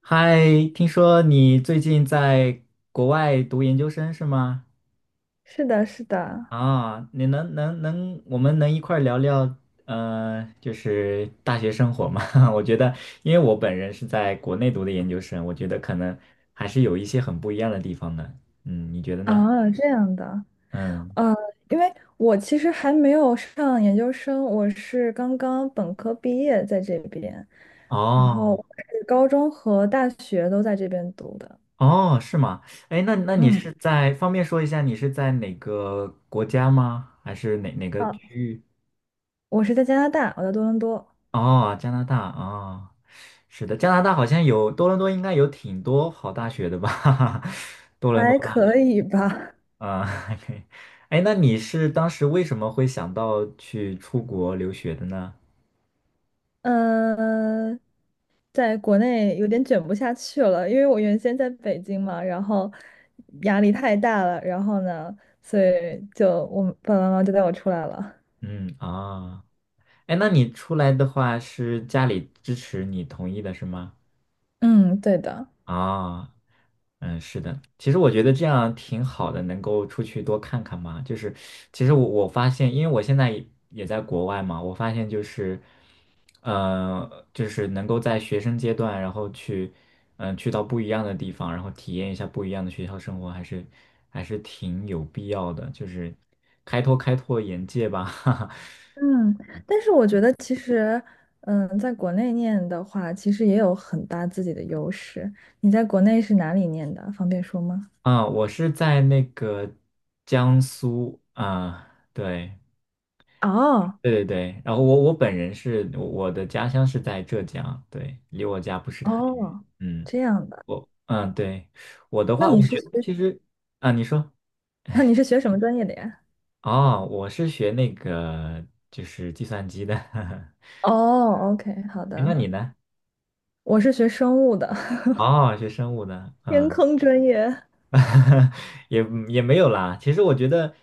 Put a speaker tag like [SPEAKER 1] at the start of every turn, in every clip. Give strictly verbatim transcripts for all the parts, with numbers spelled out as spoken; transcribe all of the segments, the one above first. [SPEAKER 1] 嗨，听说你最近在国外读研究生是吗？
[SPEAKER 2] 是的，是的，
[SPEAKER 1] 啊，你能能能，我们能一块儿聊聊，呃，就是大学生活吗？我觉得，因为我本人是在国内读的研究生，我觉得可能还是有一些很不一样的地方的。嗯，你觉得呢？
[SPEAKER 2] 啊，这样的，
[SPEAKER 1] 嗯，
[SPEAKER 2] 呃，因为我其实还没有上研究生，我是刚刚本科毕业在这边，然后
[SPEAKER 1] 哦
[SPEAKER 2] 我是高中和大学都在这边读的。
[SPEAKER 1] 哦，是吗？哎，那那你
[SPEAKER 2] 嗯，
[SPEAKER 1] 是在方便说一下，你是在哪个国家吗？还是哪哪个
[SPEAKER 2] 啊，
[SPEAKER 1] 区域？
[SPEAKER 2] 我是在加拿大，我在多伦多，
[SPEAKER 1] 哦，加拿大啊哦是的，加拿大好像有多伦多，应该有挺多好大学的吧？多伦多
[SPEAKER 2] 还
[SPEAKER 1] 吧，学
[SPEAKER 2] 可以吧。
[SPEAKER 1] 啊，还可以。哎，那你是当时为什么会想到去出国留学的呢？
[SPEAKER 2] 嗯、在国内有点卷不下去了，因为我原先在北京嘛，然后压力太大了，然后呢，所以就我爸爸妈妈就带我出来了。
[SPEAKER 1] 嗯啊，哎，那你出来的话是家里支持你同意的是吗？
[SPEAKER 2] 嗯，对的，
[SPEAKER 1] 啊，嗯，是的，其实我觉得这样挺好的，能够出去多看看嘛。就是其实我我发现，因为我现在也也在国外嘛，我发现就是，呃，就是能够在学生阶段，然后去，嗯、去到不一样的地方，然后体验一下不一样的学校生活，还是还是挺有必要的，就是开拓开拓眼界吧。哈哈。
[SPEAKER 2] 嗯，但是我觉得其实，嗯，在国内念的话，其实也有很大自己的优势。你在国内是哪里念的？方便说吗？
[SPEAKER 1] 啊，我是在那个江苏啊，对。
[SPEAKER 2] 哦，
[SPEAKER 1] 对对对，然后我我本人是我的家乡是在浙江，对，离我家不是太远。
[SPEAKER 2] 哦，
[SPEAKER 1] 嗯，
[SPEAKER 2] 这样的，
[SPEAKER 1] 我嗯对，我的
[SPEAKER 2] 那
[SPEAKER 1] 话，
[SPEAKER 2] 你
[SPEAKER 1] 我
[SPEAKER 2] 是
[SPEAKER 1] 觉
[SPEAKER 2] 学，
[SPEAKER 1] 得 其实啊，你说
[SPEAKER 2] 那你是学什么专业的呀？
[SPEAKER 1] 哦，我是学那个就是计算机的，哎，
[SPEAKER 2] 哦，OK，好
[SPEAKER 1] 那
[SPEAKER 2] 的，
[SPEAKER 1] 你呢？
[SPEAKER 2] 我是学生物的，
[SPEAKER 1] 哦，学生物的，
[SPEAKER 2] 天
[SPEAKER 1] 嗯。
[SPEAKER 2] 坑专业。
[SPEAKER 1] 也也没有啦。其实我觉得，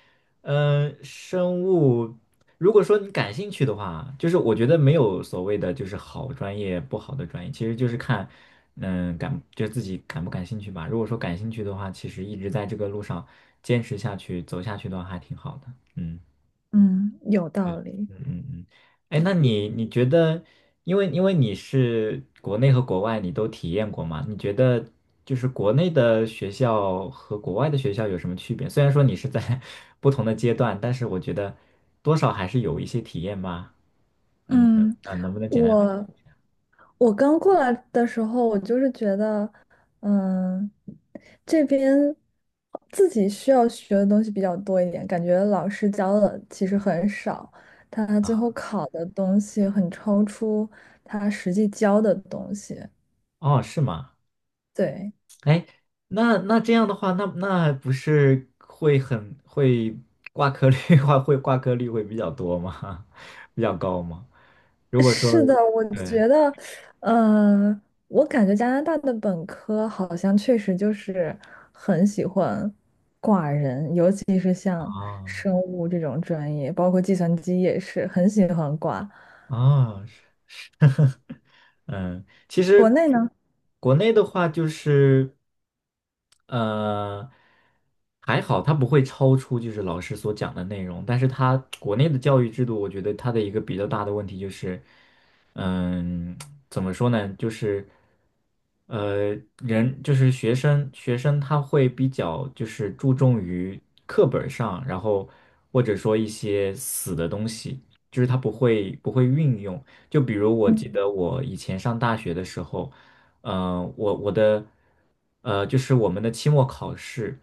[SPEAKER 1] 嗯、生物，如果说你感兴趣的话，就是我觉得没有所谓的就是好专业不好的专业，其实就是看，嗯、感就自己感不感兴趣吧。如果说感兴趣的话，其实一直在这个路上坚持下去、走下去的话，还挺好的。嗯。
[SPEAKER 2] 嗯，有道理。
[SPEAKER 1] 嗯嗯嗯，哎，那你你觉得，因为因为你是国内和国外你都体验过嘛？你觉得就是国内的学校和国外的学校有什么区别？虽然说你是在 不同的阶段，但是我觉得多少还是有一些体验吧。嗯，
[SPEAKER 2] 嗯，
[SPEAKER 1] 啊，能不能简单分享
[SPEAKER 2] 我我刚过来的时候，我就是觉得，嗯，这边自己需要学的东西比较多一点，感觉老师教的其实很少，他最后
[SPEAKER 1] 啊？
[SPEAKER 2] 考的东西很超出他实际教的东西。
[SPEAKER 1] 哦，是吗？
[SPEAKER 2] 对。
[SPEAKER 1] 那那这样的话，那那不是会很会挂科率 话会挂科率会比较多吗？比较高吗？如果说
[SPEAKER 2] 是的，我
[SPEAKER 1] 对
[SPEAKER 2] 觉得，呃，我感觉加拿大的本科好像确实就是很喜欢挂人，尤其是像
[SPEAKER 1] 啊。
[SPEAKER 2] 生物这种专业，包括计算机也是很喜欢挂。
[SPEAKER 1] 啊，是嗯，其
[SPEAKER 2] 国
[SPEAKER 1] 实
[SPEAKER 2] 内呢，
[SPEAKER 1] 国内的话就是。呃，还好它不会超出就是老师所讲的内容，但是它国内的教育制度，我觉得它的一个比较大的问题就是，嗯，怎么说呢，就是呃，人就是学生，学生他会比较就是注重于课本儿上，然后或者说一些死的东西，就是他不会不会运用。就比如我记得我以前上大学的时候。嗯、我我的呃，就是我们的期末考试，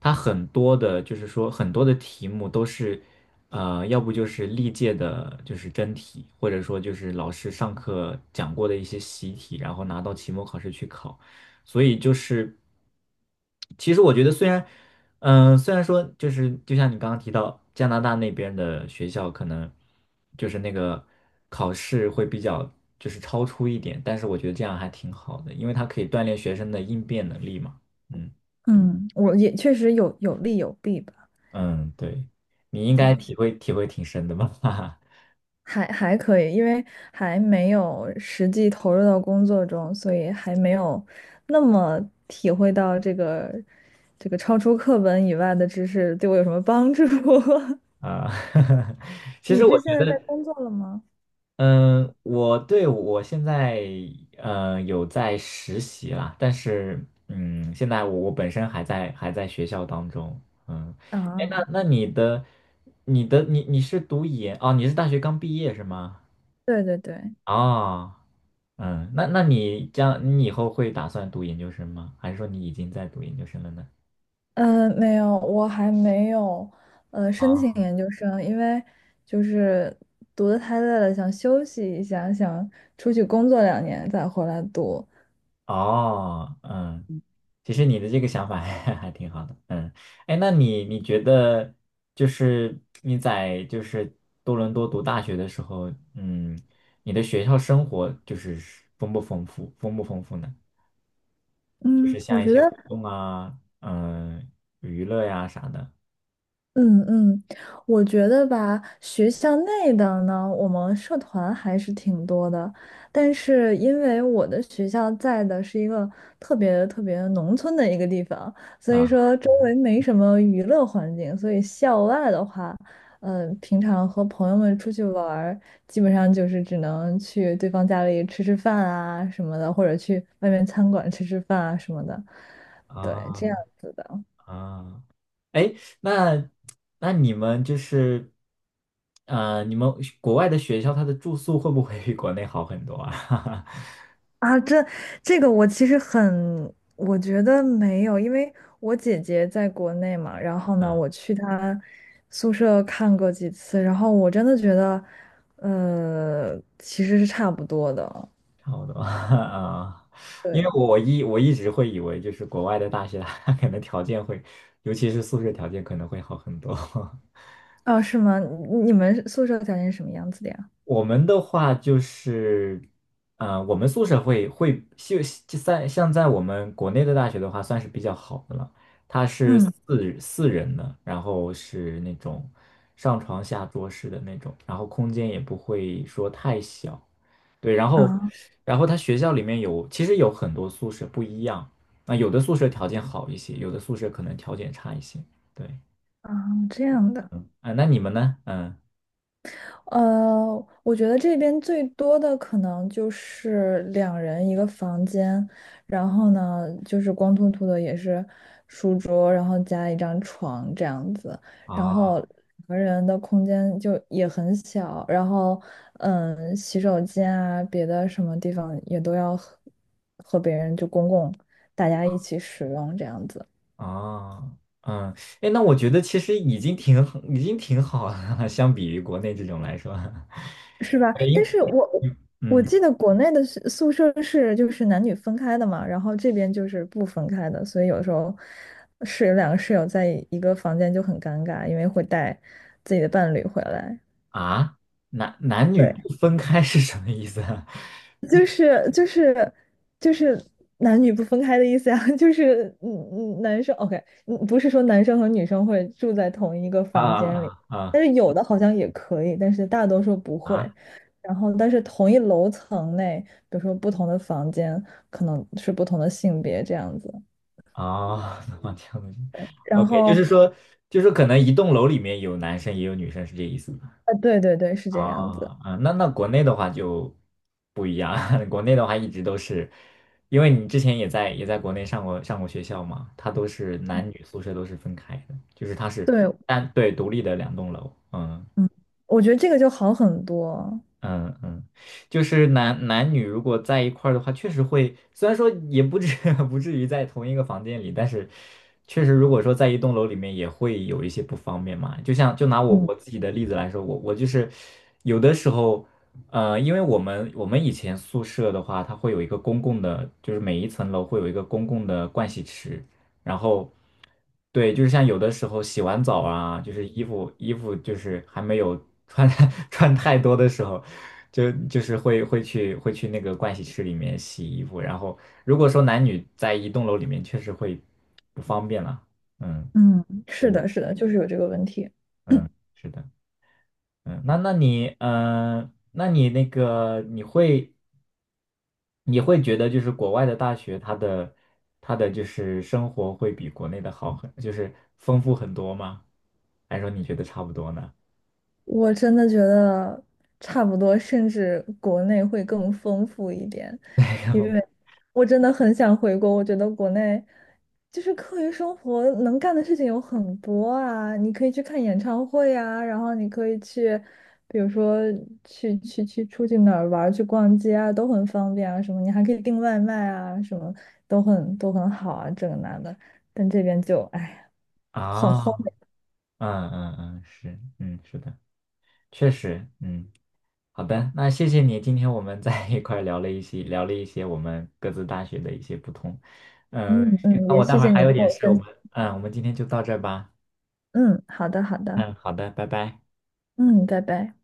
[SPEAKER 1] 它很多的，就是说很多的题目都是，呃，要不就是历届的，就是真题，或者说就是老师上课讲过的一些习题，然后拿到期末考试去考。所以就是，其实我觉得虽然，嗯、虽然说就是就像你刚刚提到加拿大那边的学校可能就是那个考试会比较就是超出一点，但是我觉得这样还挺好的，因为它可以锻炼学生的应变能力嘛。嗯
[SPEAKER 2] 嗯，我也确实有有利有弊吧。
[SPEAKER 1] 嗯，对，你应该
[SPEAKER 2] 对，
[SPEAKER 1] 体会体会挺深的吧？哈哈。
[SPEAKER 2] 还还可以，因为还没有实际投入到工作中，所以还没有那么体会到这个这个超出课本以外的知识对我有什么帮助。
[SPEAKER 1] 啊，其
[SPEAKER 2] 你
[SPEAKER 1] 实我
[SPEAKER 2] 是现
[SPEAKER 1] 觉
[SPEAKER 2] 在在
[SPEAKER 1] 得。
[SPEAKER 2] 工作了吗？
[SPEAKER 1] 嗯，我对我现在呃有在实习啦，但是嗯，现在我我本身还在还在学校当中，嗯，哎，
[SPEAKER 2] 啊，
[SPEAKER 1] 那那你的你的你你是读研哦，你是大学刚毕业是吗？
[SPEAKER 2] 对对对，
[SPEAKER 1] 哦，嗯，那那你将你以后会打算读研究生吗？还是说你已经在读研究生了呢？
[SPEAKER 2] 嗯，没有，我还没有呃申请
[SPEAKER 1] 啊。
[SPEAKER 2] 研究生，因为就是读的太累了，想休息一下，想出去工作两年再回来读。
[SPEAKER 1] 哦，嗯，其实你的这个想法还 还挺好的，嗯，哎，那你你觉得就是你在就是多伦多读大学的时候，嗯，你的学校生活就是丰不丰富，丰不丰富呢？就是
[SPEAKER 2] 嗯，我
[SPEAKER 1] 像一
[SPEAKER 2] 觉
[SPEAKER 1] 些
[SPEAKER 2] 得。
[SPEAKER 1] 活动啊，嗯，娱乐呀啥的，
[SPEAKER 2] 嗯嗯，我觉得吧，学校内的呢，我们社团还是挺多的，但是因为我的学校在的是一个特别特别农村的一个地方，所以
[SPEAKER 1] 啊
[SPEAKER 2] 说周围没什么娱乐环境，所以校外的话，嗯、平常和朋友们出去玩儿，基本上就是只能去对方家里吃吃饭啊什么的，或者去外面餐馆吃吃饭啊什么的，对，这样
[SPEAKER 1] 啊
[SPEAKER 2] 子的。
[SPEAKER 1] 啊，哎，那那你们就是，呃，你们国外的学校它的住宿会不会比国内好很多啊？
[SPEAKER 2] 啊，这这个我其实很，我觉得没有，因为我姐姐在国内嘛，然后呢，
[SPEAKER 1] 嗯，
[SPEAKER 2] 我去她宿舍看过几次，然后我真的觉得，呃，其实是差不多的。
[SPEAKER 1] 差不多 啊，因
[SPEAKER 2] 对，
[SPEAKER 1] 为我一我一直会以为就是国外的大学，它可能条件会，尤其是宿舍条件可能会好很多。
[SPEAKER 2] 啊，是吗？你你们宿舍条件是什么样子的呀？
[SPEAKER 1] 我们的话就是，呃，我们宿舍会会就就在像在我们国内的大学的话，算是比较好的了。它是
[SPEAKER 2] 嗯，
[SPEAKER 1] 四四人的，然后是那种上床下桌式的那种，然后空间也不会说太小。对，然后，
[SPEAKER 2] 啊
[SPEAKER 1] 然后他学校里面有，其实有很多宿舍不一样，啊，有的宿舍条件好一些，有的宿舍可能条件差一些。对，
[SPEAKER 2] 啊，这样的。
[SPEAKER 1] 嗯，啊，那你们呢？嗯，
[SPEAKER 2] 呃，我觉得这边最多的可能就是两人一个房间，然后呢，就是光秃秃的也是书桌，然后加一张床这样子，然
[SPEAKER 1] 啊
[SPEAKER 2] 后两个人的空间就也很小，然后嗯，洗手间啊，别的什么地方也都要和和别人就公共大家一起使用这样子。
[SPEAKER 1] 啊，嗯，哎，那我觉得其实已经挺好已经挺好了，相比于国内这种来说，
[SPEAKER 2] 是 吧？
[SPEAKER 1] 哎，
[SPEAKER 2] 但
[SPEAKER 1] 因
[SPEAKER 2] 是我我
[SPEAKER 1] 嗯
[SPEAKER 2] 记得国内的宿宿舍是就是男女分开的嘛，然后这边就是不分开的，所以有时候室友两个室友在一个房间就很尴尬，因为会带自己的伴侣回来。
[SPEAKER 1] 啊，男男女
[SPEAKER 2] 对，
[SPEAKER 1] 不分开是什么意思啊？
[SPEAKER 2] 就是就是就是男女不分开的意思呀，就是嗯嗯，男生 OK，嗯不是说男生和女生会住在同一个
[SPEAKER 1] 啊
[SPEAKER 2] 房间里，
[SPEAKER 1] 啊啊！
[SPEAKER 2] 但是有的好像也可以，但是大多数不会。
[SPEAKER 1] 啊
[SPEAKER 2] 然后，但是同一楼层内，比如说不同的房间，可能是不同的性别这样子。
[SPEAKER 1] 啊，那这样子
[SPEAKER 2] 然
[SPEAKER 1] ，OK，就
[SPEAKER 2] 后，
[SPEAKER 1] 是说，就是可能一栋楼里面有男生也有女生，是这意思吗？
[SPEAKER 2] 呃，对对对，是这个样子。
[SPEAKER 1] 啊啊，那那国内的话就不一样，国内的话一直都是，因为你之前也在也在国内上过上过学校嘛，它都是男女宿舍都是分开的，就是它是
[SPEAKER 2] 对，
[SPEAKER 1] 单对独立的两栋楼，嗯
[SPEAKER 2] 嗯，我觉得这个就好很多。
[SPEAKER 1] 嗯嗯，就是男男女如果在一块儿的话，确实会，虽然说也不至 不至于在同一个房间里，但是确实如果说在一栋楼里面也会有一些不方便嘛。就像就拿我
[SPEAKER 2] 嗯
[SPEAKER 1] 我自己的例子来说，我我就是有的时候，呃，因为我们我们以前宿舍的话，它会有一个公共的，就是每一层楼会有一个公共的盥洗池，然后。对，就是像有的时候洗完澡啊，就是衣服衣服就是还没有穿 穿太多的时候，就就是会会去会去那个盥洗室里面洗衣服。然后如果说男女在一栋楼里面，确实会不方便了。嗯，
[SPEAKER 2] 嗯，是
[SPEAKER 1] 对的，
[SPEAKER 2] 的，是的，就是有这个问题。
[SPEAKER 1] 嗯，是的，嗯，那那你嗯、呃那你那个你会你会觉得就是国外的大学它的它的就是生活会比国内的好很，就是丰富很多吗？还是说你觉得差不多呢？
[SPEAKER 2] 我真的觉得差不多，甚至国内会更丰富一点，
[SPEAKER 1] 没
[SPEAKER 2] 因
[SPEAKER 1] 有
[SPEAKER 2] 为我真的很想回国。我觉得国内就是课余生活能干的事情有很多啊，你可以去看演唱会啊，然后你可以去，比如说去去去出去哪儿玩儿，去逛街啊，都很方便啊，什么你还可以订外卖啊，什么都很都很好啊，这个那的。但这边就哎呀，很荒
[SPEAKER 1] 啊，
[SPEAKER 2] 凉。
[SPEAKER 1] 嗯嗯嗯，是，嗯是的，确实，嗯，好的，那谢谢你，今天我们 在一块儿聊了一些，聊了一些我们各自大学的一些不同，嗯，
[SPEAKER 2] 嗯
[SPEAKER 1] 行
[SPEAKER 2] 嗯，
[SPEAKER 1] 那
[SPEAKER 2] 也
[SPEAKER 1] 我待
[SPEAKER 2] 谢
[SPEAKER 1] 会儿
[SPEAKER 2] 谢
[SPEAKER 1] 还
[SPEAKER 2] 你
[SPEAKER 1] 有
[SPEAKER 2] 跟
[SPEAKER 1] 点
[SPEAKER 2] 我
[SPEAKER 1] 事，我
[SPEAKER 2] 分享。
[SPEAKER 1] 们，嗯，我们今天就到这儿吧，
[SPEAKER 2] 嗯，好的，好的，
[SPEAKER 1] 嗯，好的，拜拜。
[SPEAKER 2] 嗯，拜拜。